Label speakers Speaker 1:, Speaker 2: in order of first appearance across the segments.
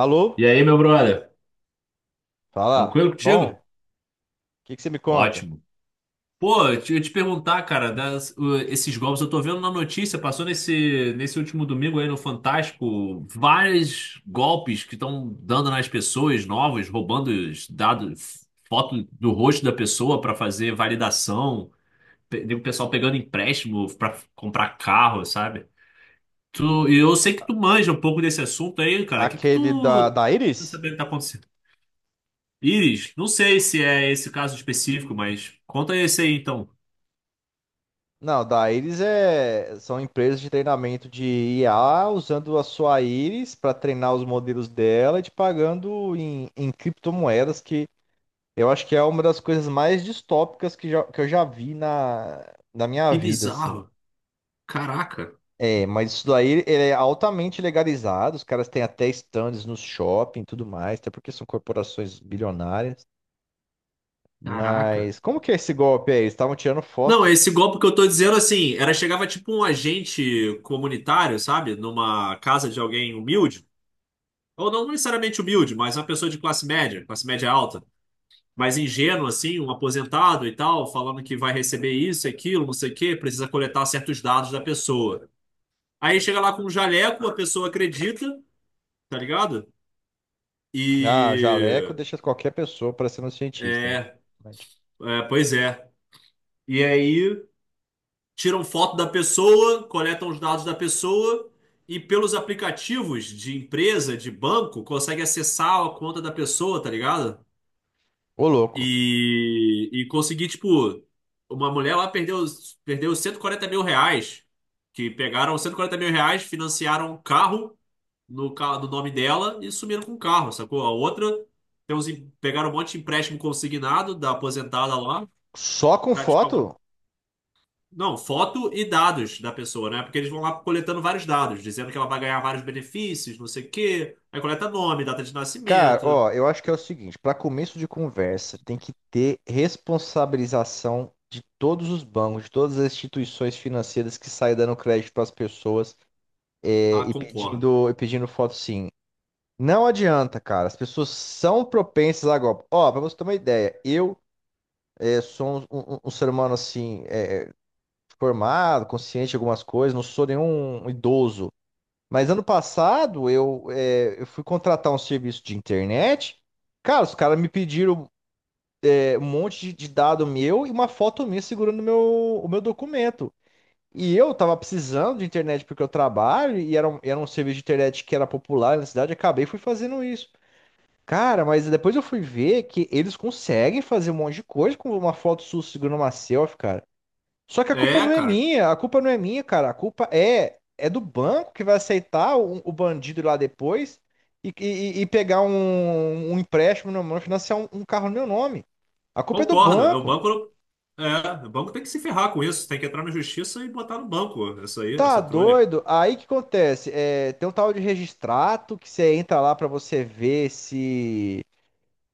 Speaker 1: Alô?
Speaker 2: E aí, meu brother?
Speaker 1: Fala.
Speaker 2: Tranquilo
Speaker 1: Bom,
Speaker 2: contigo?
Speaker 1: o que que você me conta?
Speaker 2: Ótimo. Pô, eu te perguntar, cara, esses golpes, eu tô vendo na notícia, passou nesse último domingo aí no Fantástico, vários golpes que estão dando nas pessoas novas, roubando os dados, foto do rosto da pessoa para fazer validação, o pessoal pegando empréstimo para comprar carro, sabe? E eu sei que tu manja um pouco desse assunto aí, cara. O que que
Speaker 1: Aquele da,
Speaker 2: tu,
Speaker 1: da
Speaker 2: tu
Speaker 1: Iris?
Speaker 2: sabe o que tá acontecendo? Iris, não sei se é esse o caso específico, mas conta esse aí então.
Speaker 1: Não, da Iris é, são empresas de treinamento de IA usando a sua Iris para treinar os modelos dela e te pagando em criptomoedas, que eu acho que é uma das coisas mais distópicas que eu já vi na minha
Speaker 2: Que
Speaker 1: vida, assim.
Speaker 2: bizarro. Caraca,
Speaker 1: É, mas isso daí ele é altamente legalizado, os caras têm até stands nos shopping e tudo mais, até porque são corporações bilionárias.
Speaker 2: caraca.
Speaker 1: Mas como que é esse golpe aí? Eles estavam tirando
Speaker 2: Não,
Speaker 1: foto.
Speaker 2: esse golpe que eu tô dizendo assim, era chegava tipo um agente comunitário, sabe? Numa casa de alguém humilde, ou não necessariamente humilde, mas uma pessoa de classe média alta, mas ingênuo assim, um aposentado e tal, falando que vai receber isso, aquilo, não sei o quê, precisa coletar certos dados da pessoa. Aí chega lá com um jaleco, a pessoa acredita, tá ligado?
Speaker 1: Ah, jaleco
Speaker 2: E
Speaker 1: deixa qualquer pessoa parecendo um cientista, né?
Speaker 2: é,
Speaker 1: Verdade.
Speaker 2: É, pois é. E aí tiram foto da pessoa, coletam os dados da pessoa e pelos aplicativos de empresa, de banco, consegue acessar a conta da pessoa, tá ligado?
Speaker 1: Ô, louco.
Speaker 2: E conseguir, tipo, uma mulher lá perdeu R$ 140.000, que pegaram R$ 140.000, financiaram um carro no nome dela e sumiram com o carro, sacou? A outra pegaram um monte de empréstimo consignado da aposentada lá,
Speaker 1: Só com
Speaker 2: tá, tipo,
Speaker 1: foto?
Speaker 2: não, foto e dados da pessoa, né? Porque eles vão lá coletando vários dados, dizendo que ela vai ganhar vários benefícios, não sei o quê. Aí coleta nome, data de
Speaker 1: Cara,
Speaker 2: nascimento.
Speaker 1: ó, eu acho que é o seguinte, para começo de conversa, tem que ter responsabilização de todos os bancos, de todas as instituições financeiras que saem dando crédito para as pessoas
Speaker 2: Ah,
Speaker 1: e
Speaker 2: concordo.
Speaker 1: pedindo, e pedindo foto, sim. Não adianta, cara. As pessoas são propensas a golpe. Ó, para você ter uma ideia, eu sou um ser humano assim, formado, consciente de algumas coisas, não sou nenhum idoso. Mas ano passado eu fui contratar um serviço de internet. Cara, os caras me pediram um monte de dado meu e uma foto minha segurando o meu documento. E eu tava precisando de internet porque eu trabalho e era um, serviço de internet que era popular na cidade. Acabei fui fazendo isso. Cara, mas depois eu fui ver que eles conseguem fazer um monte de coisa com uma foto sua segurando uma selfie, cara. Só que a culpa
Speaker 2: É,
Speaker 1: não é
Speaker 2: cara,
Speaker 1: minha, a culpa não é minha, cara. A culpa é do banco que vai aceitar o bandido lá depois e pegar um empréstimo no meu nome, financiar um carro no meu nome. A culpa é do
Speaker 2: concordo. É, O
Speaker 1: banco.
Speaker 2: banco, não- é, o banco tem que se ferrar com isso. Tem que entrar na justiça e botar no banco essa aí,
Speaker 1: Tá
Speaker 2: essa trolha.
Speaker 1: doido? Aí o que acontece? É, tem um tal de registrato que você entra lá pra você ver se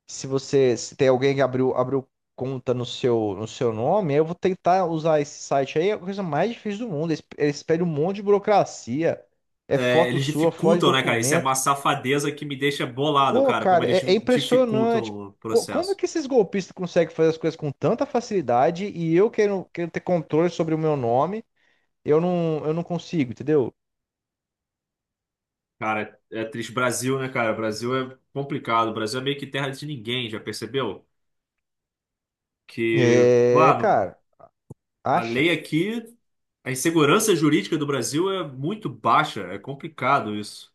Speaker 1: Se você se tem alguém que abriu conta no seu nome. Eu vou tentar usar esse site aí. É a coisa mais difícil do mundo. Eles pedem um monte de burocracia. É
Speaker 2: É,
Speaker 1: foto
Speaker 2: eles
Speaker 1: sua, foto de
Speaker 2: dificultam, né, cara? Isso é
Speaker 1: documento.
Speaker 2: uma safadeza que me deixa bolado,
Speaker 1: Pô,
Speaker 2: cara, como
Speaker 1: cara,
Speaker 2: eles
Speaker 1: é
Speaker 2: dificultam
Speaker 1: impressionante.
Speaker 2: o
Speaker 1: Pô, como é
Speaker 2: processo.
Speaker 1: que esses golpistas conseguem fazer as coisas com tanta facilidade e eu quero ter controle sobre o meu nome, eu não consigo, entendeu?
Speaker 2: Cara, é triste. Brasil, né, cara? Brasil é complicado. Brasil é meio que terra de ninguém, já percebeu? Que,
Speaker 1: É,
Speaker 2: claro,
Speaker 1: cara,
Speaker 2: a
Speaker 1: acha.
Speaker 2: lei aqui, a insegurança jurídica do Brasil é muito baixa, é complicado isso,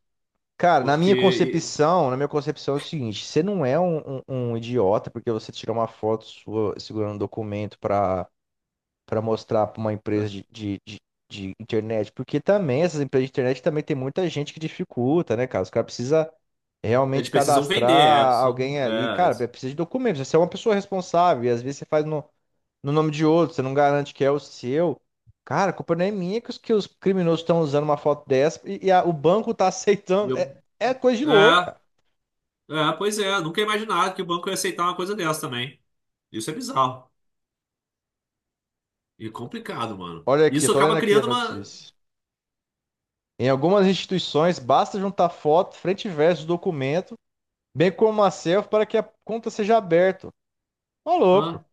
Speaker 1: Cara,
Speaker 2: porque
Speaker 1: na minha concepção é o seguinte, você não é um idiota porque você tira uma foto sua segurando um documento para mostrar para uma
Speaker 2: e,
Speaker 1: empresa
Speaker 2: é,
Speaker 1: de internet, porque também essas empresas de internet também tem muita gente que dificulta, né, cara? Os caras precisam realmente
Speaker 2: eles precisam vender,
Speaker 1: cadastrar
Speaker 2: são,
Speaker 1: alguém ali. Cara, precisa de documentos, você é uma pessoa responsável e às vezes você faz no, nome de outro, você não garante que é o seu. Cara, a culpa não é minha que os criminosos estão usando uma foto dessa e o banco tá
Speaker 2: e
Speaker 1: aceitando.
Speaker 2: eu,
Speaker 1: É coisa de louco,
Speaker 2: é,
Speaker 1: cara.
Speaker 2: pois é, nunca ia imaginar que o banco ia aceitar uma coisa dessa também. Isso é bizarro e complicado, mano.
Speaker 1: Olha aqui, eu
Speaker 2: Isso
Speaker 1: tô lendo
Speaker 2: acaba
Speaker 1: aqui a
Speaker 2: criando uma,
Speaker 1: notícia. Em algumas instituições, basta juntar foto, frente e verso do documento, bem como uma selfie, para que a conta seja aberta. Ô, louco.
Speaker 2: ah,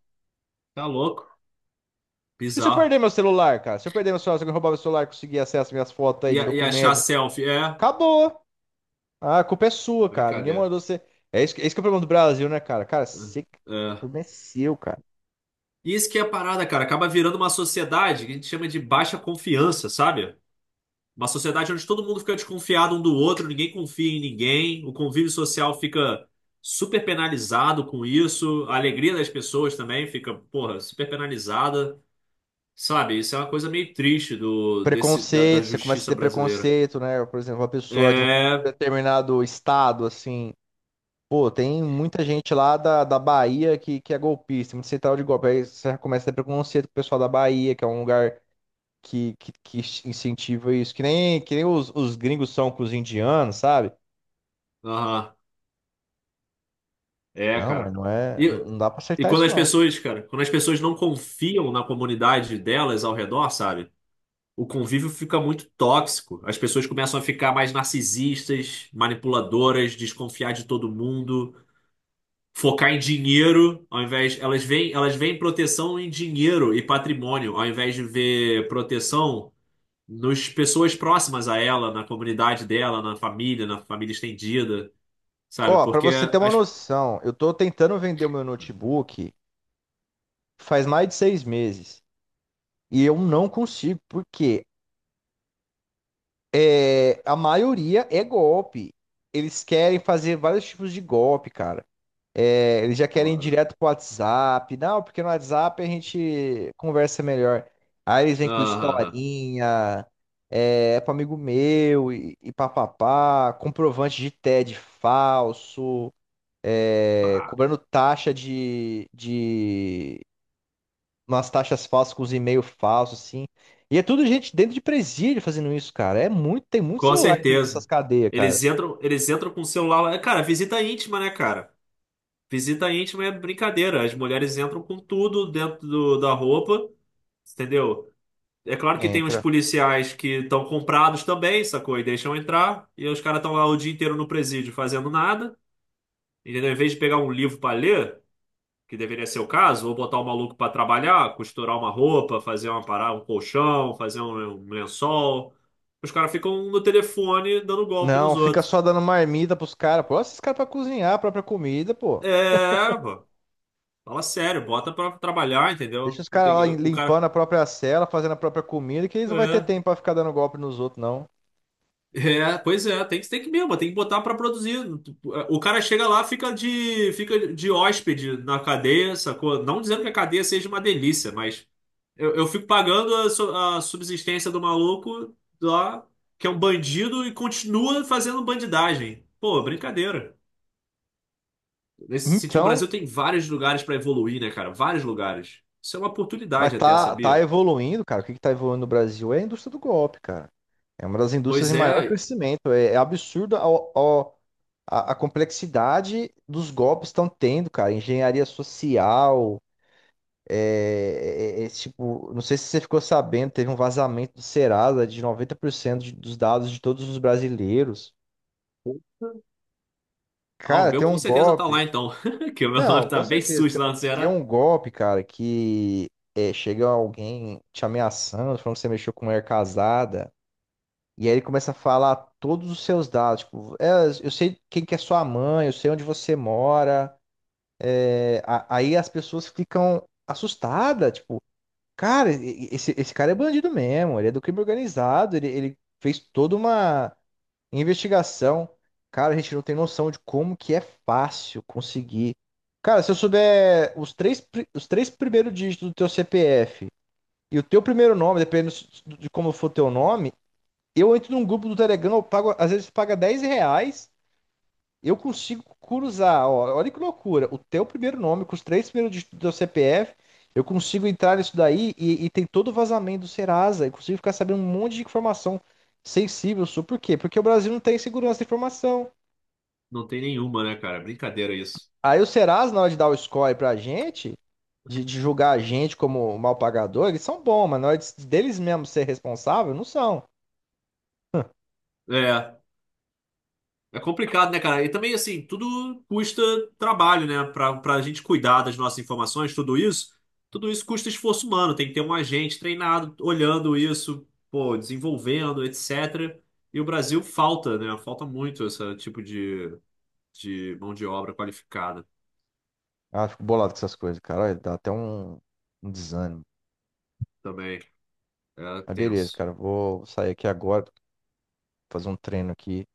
Speaker 2: tá louco,
Speaker 1: E se eu perder
Speaker 2: bizarro.
Speaker 1: meu celular, cara? Se eu perder meu celular, se alguém roubar meu celular e conseguir acesso às minhas fotos aí
Speaker 2: E,
Speaker 1: de
Speaker 2: e achar
Speaker 1: documento,
Speaker 2: selfie, é,
Speaker 1: acabou. Ah, a culpa é sua, cara. Ninguém
Speaker 2: brincadeira.
Speaker 1: mandou você. É isso, é isso que é o problema do Brasil, né, cara? Cara, você,
Speaker 2: É.
Speaker 1: o
Speaker 2: É.
Speaker 1: problema é seu, cara.
Speaker 2: Isso que é a parada, cara. Acaba virando uma sociedade que a gente chama de baixa confiança, sabe? Uma sociedade onde todo mundo fica desconfiado um do outro, ninguém confia em ninguém, o convívio social fica super penalizado com isso, a alegria das pessoas também fica, porra, super penalizada, sabe? Isso é uma coisa meio triste do, desse, da, da
Speaker 1: Preconceito, você começa a
Speaker 2: justiça
Speaker 1: ter
Speaker 2: brasileira.
Speaker 1: preconceito, né? Por exemplo, uma pessoa de um
Speaker 2: É,
Speaker 1: determinado estado, assim. Pô, tem muita gente lá da Bahia que é golpista, muito central de golpe. Aí você já começa a ter preconceito com o pessoal da Bahia, que é um lugar que, que incentiva isso. Que nem os gringos são com os indianos, sabe?
Speaker 2: aham, é,
Speaker 1: Não, mas
Speaker 2: cara.
Speaker 1: não é.
Speaker 2: E,
Speaker 1: Não dá pra
Speaker 2: e
Speaker 1: acertar
Speaker 2: quando
Speaker 1: isso,
Speaker 2: as
Speaker 1: não.
Speaker 2: pessoas, cara, quando as pessoas não confiam na comunidade delas ao redor, sabe? O convívio fica muito tóxico. As pessoas começam a ficar mais narcisistas, manipuladoras, desconfiar de todo mundo, focar em dinheiro, ao invés elas veem proteção em dinheiro e patrimônio, ao invés de ver proteção nas pessoas próximas a ela, na comunidade dela, na família estendida, sabe?
Speaker 1: Ó, pra
Speaker 2: Porque
Speaker 1: você ter uma
Speaker 2: as.
Speaker 1: noção, eu tô tentando vender o meu notebook faz mais de 6 meses e eu não consigo, porque a maioria é golpe. Eles querem fazer vários tipos de golpe, cara. É, eles já querem ir
Speaker 2: Foda.
Speaker 1: direto pro WhatsApp. Não, porque no WhatsApp a gente conversa melhor. Aí eles vêm com
Speaker 2: Aham,
Speaker 1: historinha, é pro amigo meu e papapá, comprovante de TED falso.
Speaker 2: pá.
Speaker 1: Cobrando taxa de umas taxas falsas com os e-mails falsos, assim. E é tudo gente dentro de presídio fazendo isso, cara. É muito, tem muito
Speaker 2: Com
Speaker 1: celular dentro dessas
Speaker 2: certeza.
Speaker 1: cadeias, cara.
Speaker 2: Eles entram com o celular lá. Cara, visita íntima, né, cara? Visita íntima é brincadeira. As mulheres entram com tudo dentro da roupa, entendeu? É claro que tem os
Speaker 1: Entra.
Speaker 2: policiais que estão comprados também, sacou? E deixam entrar. E os caras estão lá o dia inteiro no presídio fazendo nada, entendeu? Em vez de pegar um livro para ler, que deveria ser o caso, ou botar o maluco para trabalhar, costurar uma roupa, fazer uma parada, um colchão, fazer um lençol. Os caras ficam no telefone dando golpe
Speaker 1: Não,
Speaker 2: nos
Speaker 1: fica
Speaker 2: outros.
Speaker 1: só dando marmita pros caras, pô. Olha esses caras pra cozinhar a própria comida, pô.
Speaker 2: É, pô. Fala sério, bota pra trabalhar,
Speaker 1: Deixa
Speaker 2: entendeu?
Speaker 1: os caras lá
Speaker 2: O
Speaker 1: limpando
Speaker 2: cara.
Speaker 1: a própria cela, fazendo a própria comida, que eles não vai ter
Speaker 2: É.
Speaker 1: tempo pra ficar dando golpe nos outros, não.
Speaker 2: É, pois é, tem que mesmo, tem que botar pra produzir. O cara chega lá, fica de hóspede na cadeia, sacou? Não dizendo que a cadeia seja uma delícia, mas eu fico pagando a subsistência do maluco lá, que é um bandido, e continua fazendo bandidagem. Pô, brincadeira. Nesse sentido, o
Speaker 1: Então,
Speaker 2: Brasil tem vários lugares pra evoluir, né, cara? Vários lugares. Isso é uma
Speaker 1: mas
Speaker 2: oportunidade até,
Speaker 1: tá
Speaker 2: sabia?
Speaker 1: evoluindo, cara. O que que tá evoluindo no Brasil é a indústria do golpe, cara. É uma das indústrias
Speaker 2: Pois
Speaker 1: em maior
Speaker 2: é.
Speaker 1: crescimento. É absurdo a complexidade dos golpes estão tendo, cara. Engenharia social, é, tipo, não sei se você ficou sabendo, teve um vazamento do Serasa de 90% dos dados de todos os brasileiros.
Speaker 2: Ah, o
Speaker 1: Cara,
Speaker 2: meu
Speaker 1: tem
Speaker 2: com
Speaker 1: um
Speaker 2: certeza tá
Speaker 1: golpe.
Speaker 2: lá então. Que o meu
Speaker 1: Não,
Speaker 2: nome tá
Speaker 1: com
Speaker 2: bem
Speaker 1: certeza.
Speaker 2: sujo
Speaker 1: Tem
Speaker 2: lá no
Speaker 1: tem
Speaker 2: Ceará.
Speaker 1: um golpe, cara, que é, chega alguém te ameaçando, falando que você mexeu com mulher casada, e aí ele começa a falar todos os seus dados. Tipo, eu sei quem que é sua mãe, eu sei onde você mora. É, aí as pessoas ficam assustadas, tipo, cara, esse cara é bandido mesmo, ele é do crime organizado, ele fez toda uma investigação, cara, a gente não tem noção de como que é fácil conseguir. Cara, se eu souber os três primeiros dígitos do teu CPF e o teu primeiro nome, dependendo de como for teu nome, eu entro num grupo do Telegram, eu pago, às vezes paga R$ 10, eu consigo cruzar, ó, olha que loucura. O teu primeiro nome, com os três primeiros dígitos do teu CPF, eu consigo entrar nisso daí e tem todo o vazamento do Serasa. Eu consigo ficar sabendo um monte de informação sensível sua. Por quê? Porque o Brasil não tem segurança de informação.
Speaker 2: Não tem nenhuma, né, cara? Brincadeira isso.
Speaker 1: Aí o Serasa, na hora de dar o score pra gente, de, julgar a gente como mal pagador, eles são bons, mas na hora deles mesmos ser responsável, não são.
Speaker 2: É. É complicado, né, cara? E também, assim, tudo custa trabalho, né? Pra, pra gente cuidar das nossas informações, tudo isso custa esforço humano. Tem que ter um agente treinado, olhando isso, pô, desenvolvendo, etc. E o Brasil falta, né? Falta muito esse tipo de mão de obra qualificada
Speaker 1: Ah, fico bolado com essas coisas, cara. Olha, dá até um desânimo.
Speaker 2: também. É
Speaker 1: Mas beleza,
Speaker 2: tenso,
Speaker 1: cara. Vou sair aqui agora, fazer um treino aqui.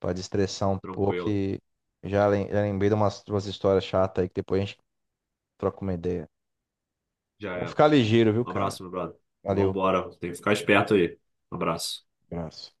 Speaker 1: Pra destressar um pouco
Speaker 2: tranquilo.
Speaker 1: e já lembrei de umas, duas histórias chatas aí que depois a gente troca uma ideia.
Speaker 2: Já
Speaker 1: Vamos
Speaker 2: é.
Speaker 1: ficar ligeiro, viu,
Speaker 2: Um
Speaker 1: cara?
Speaker 2: abraço, meu brother.
Speaker 1: Valeu,
Speaker 2: Vambora, tem que ficar esperto aí. Um abraço.
Speaker 1: abraço.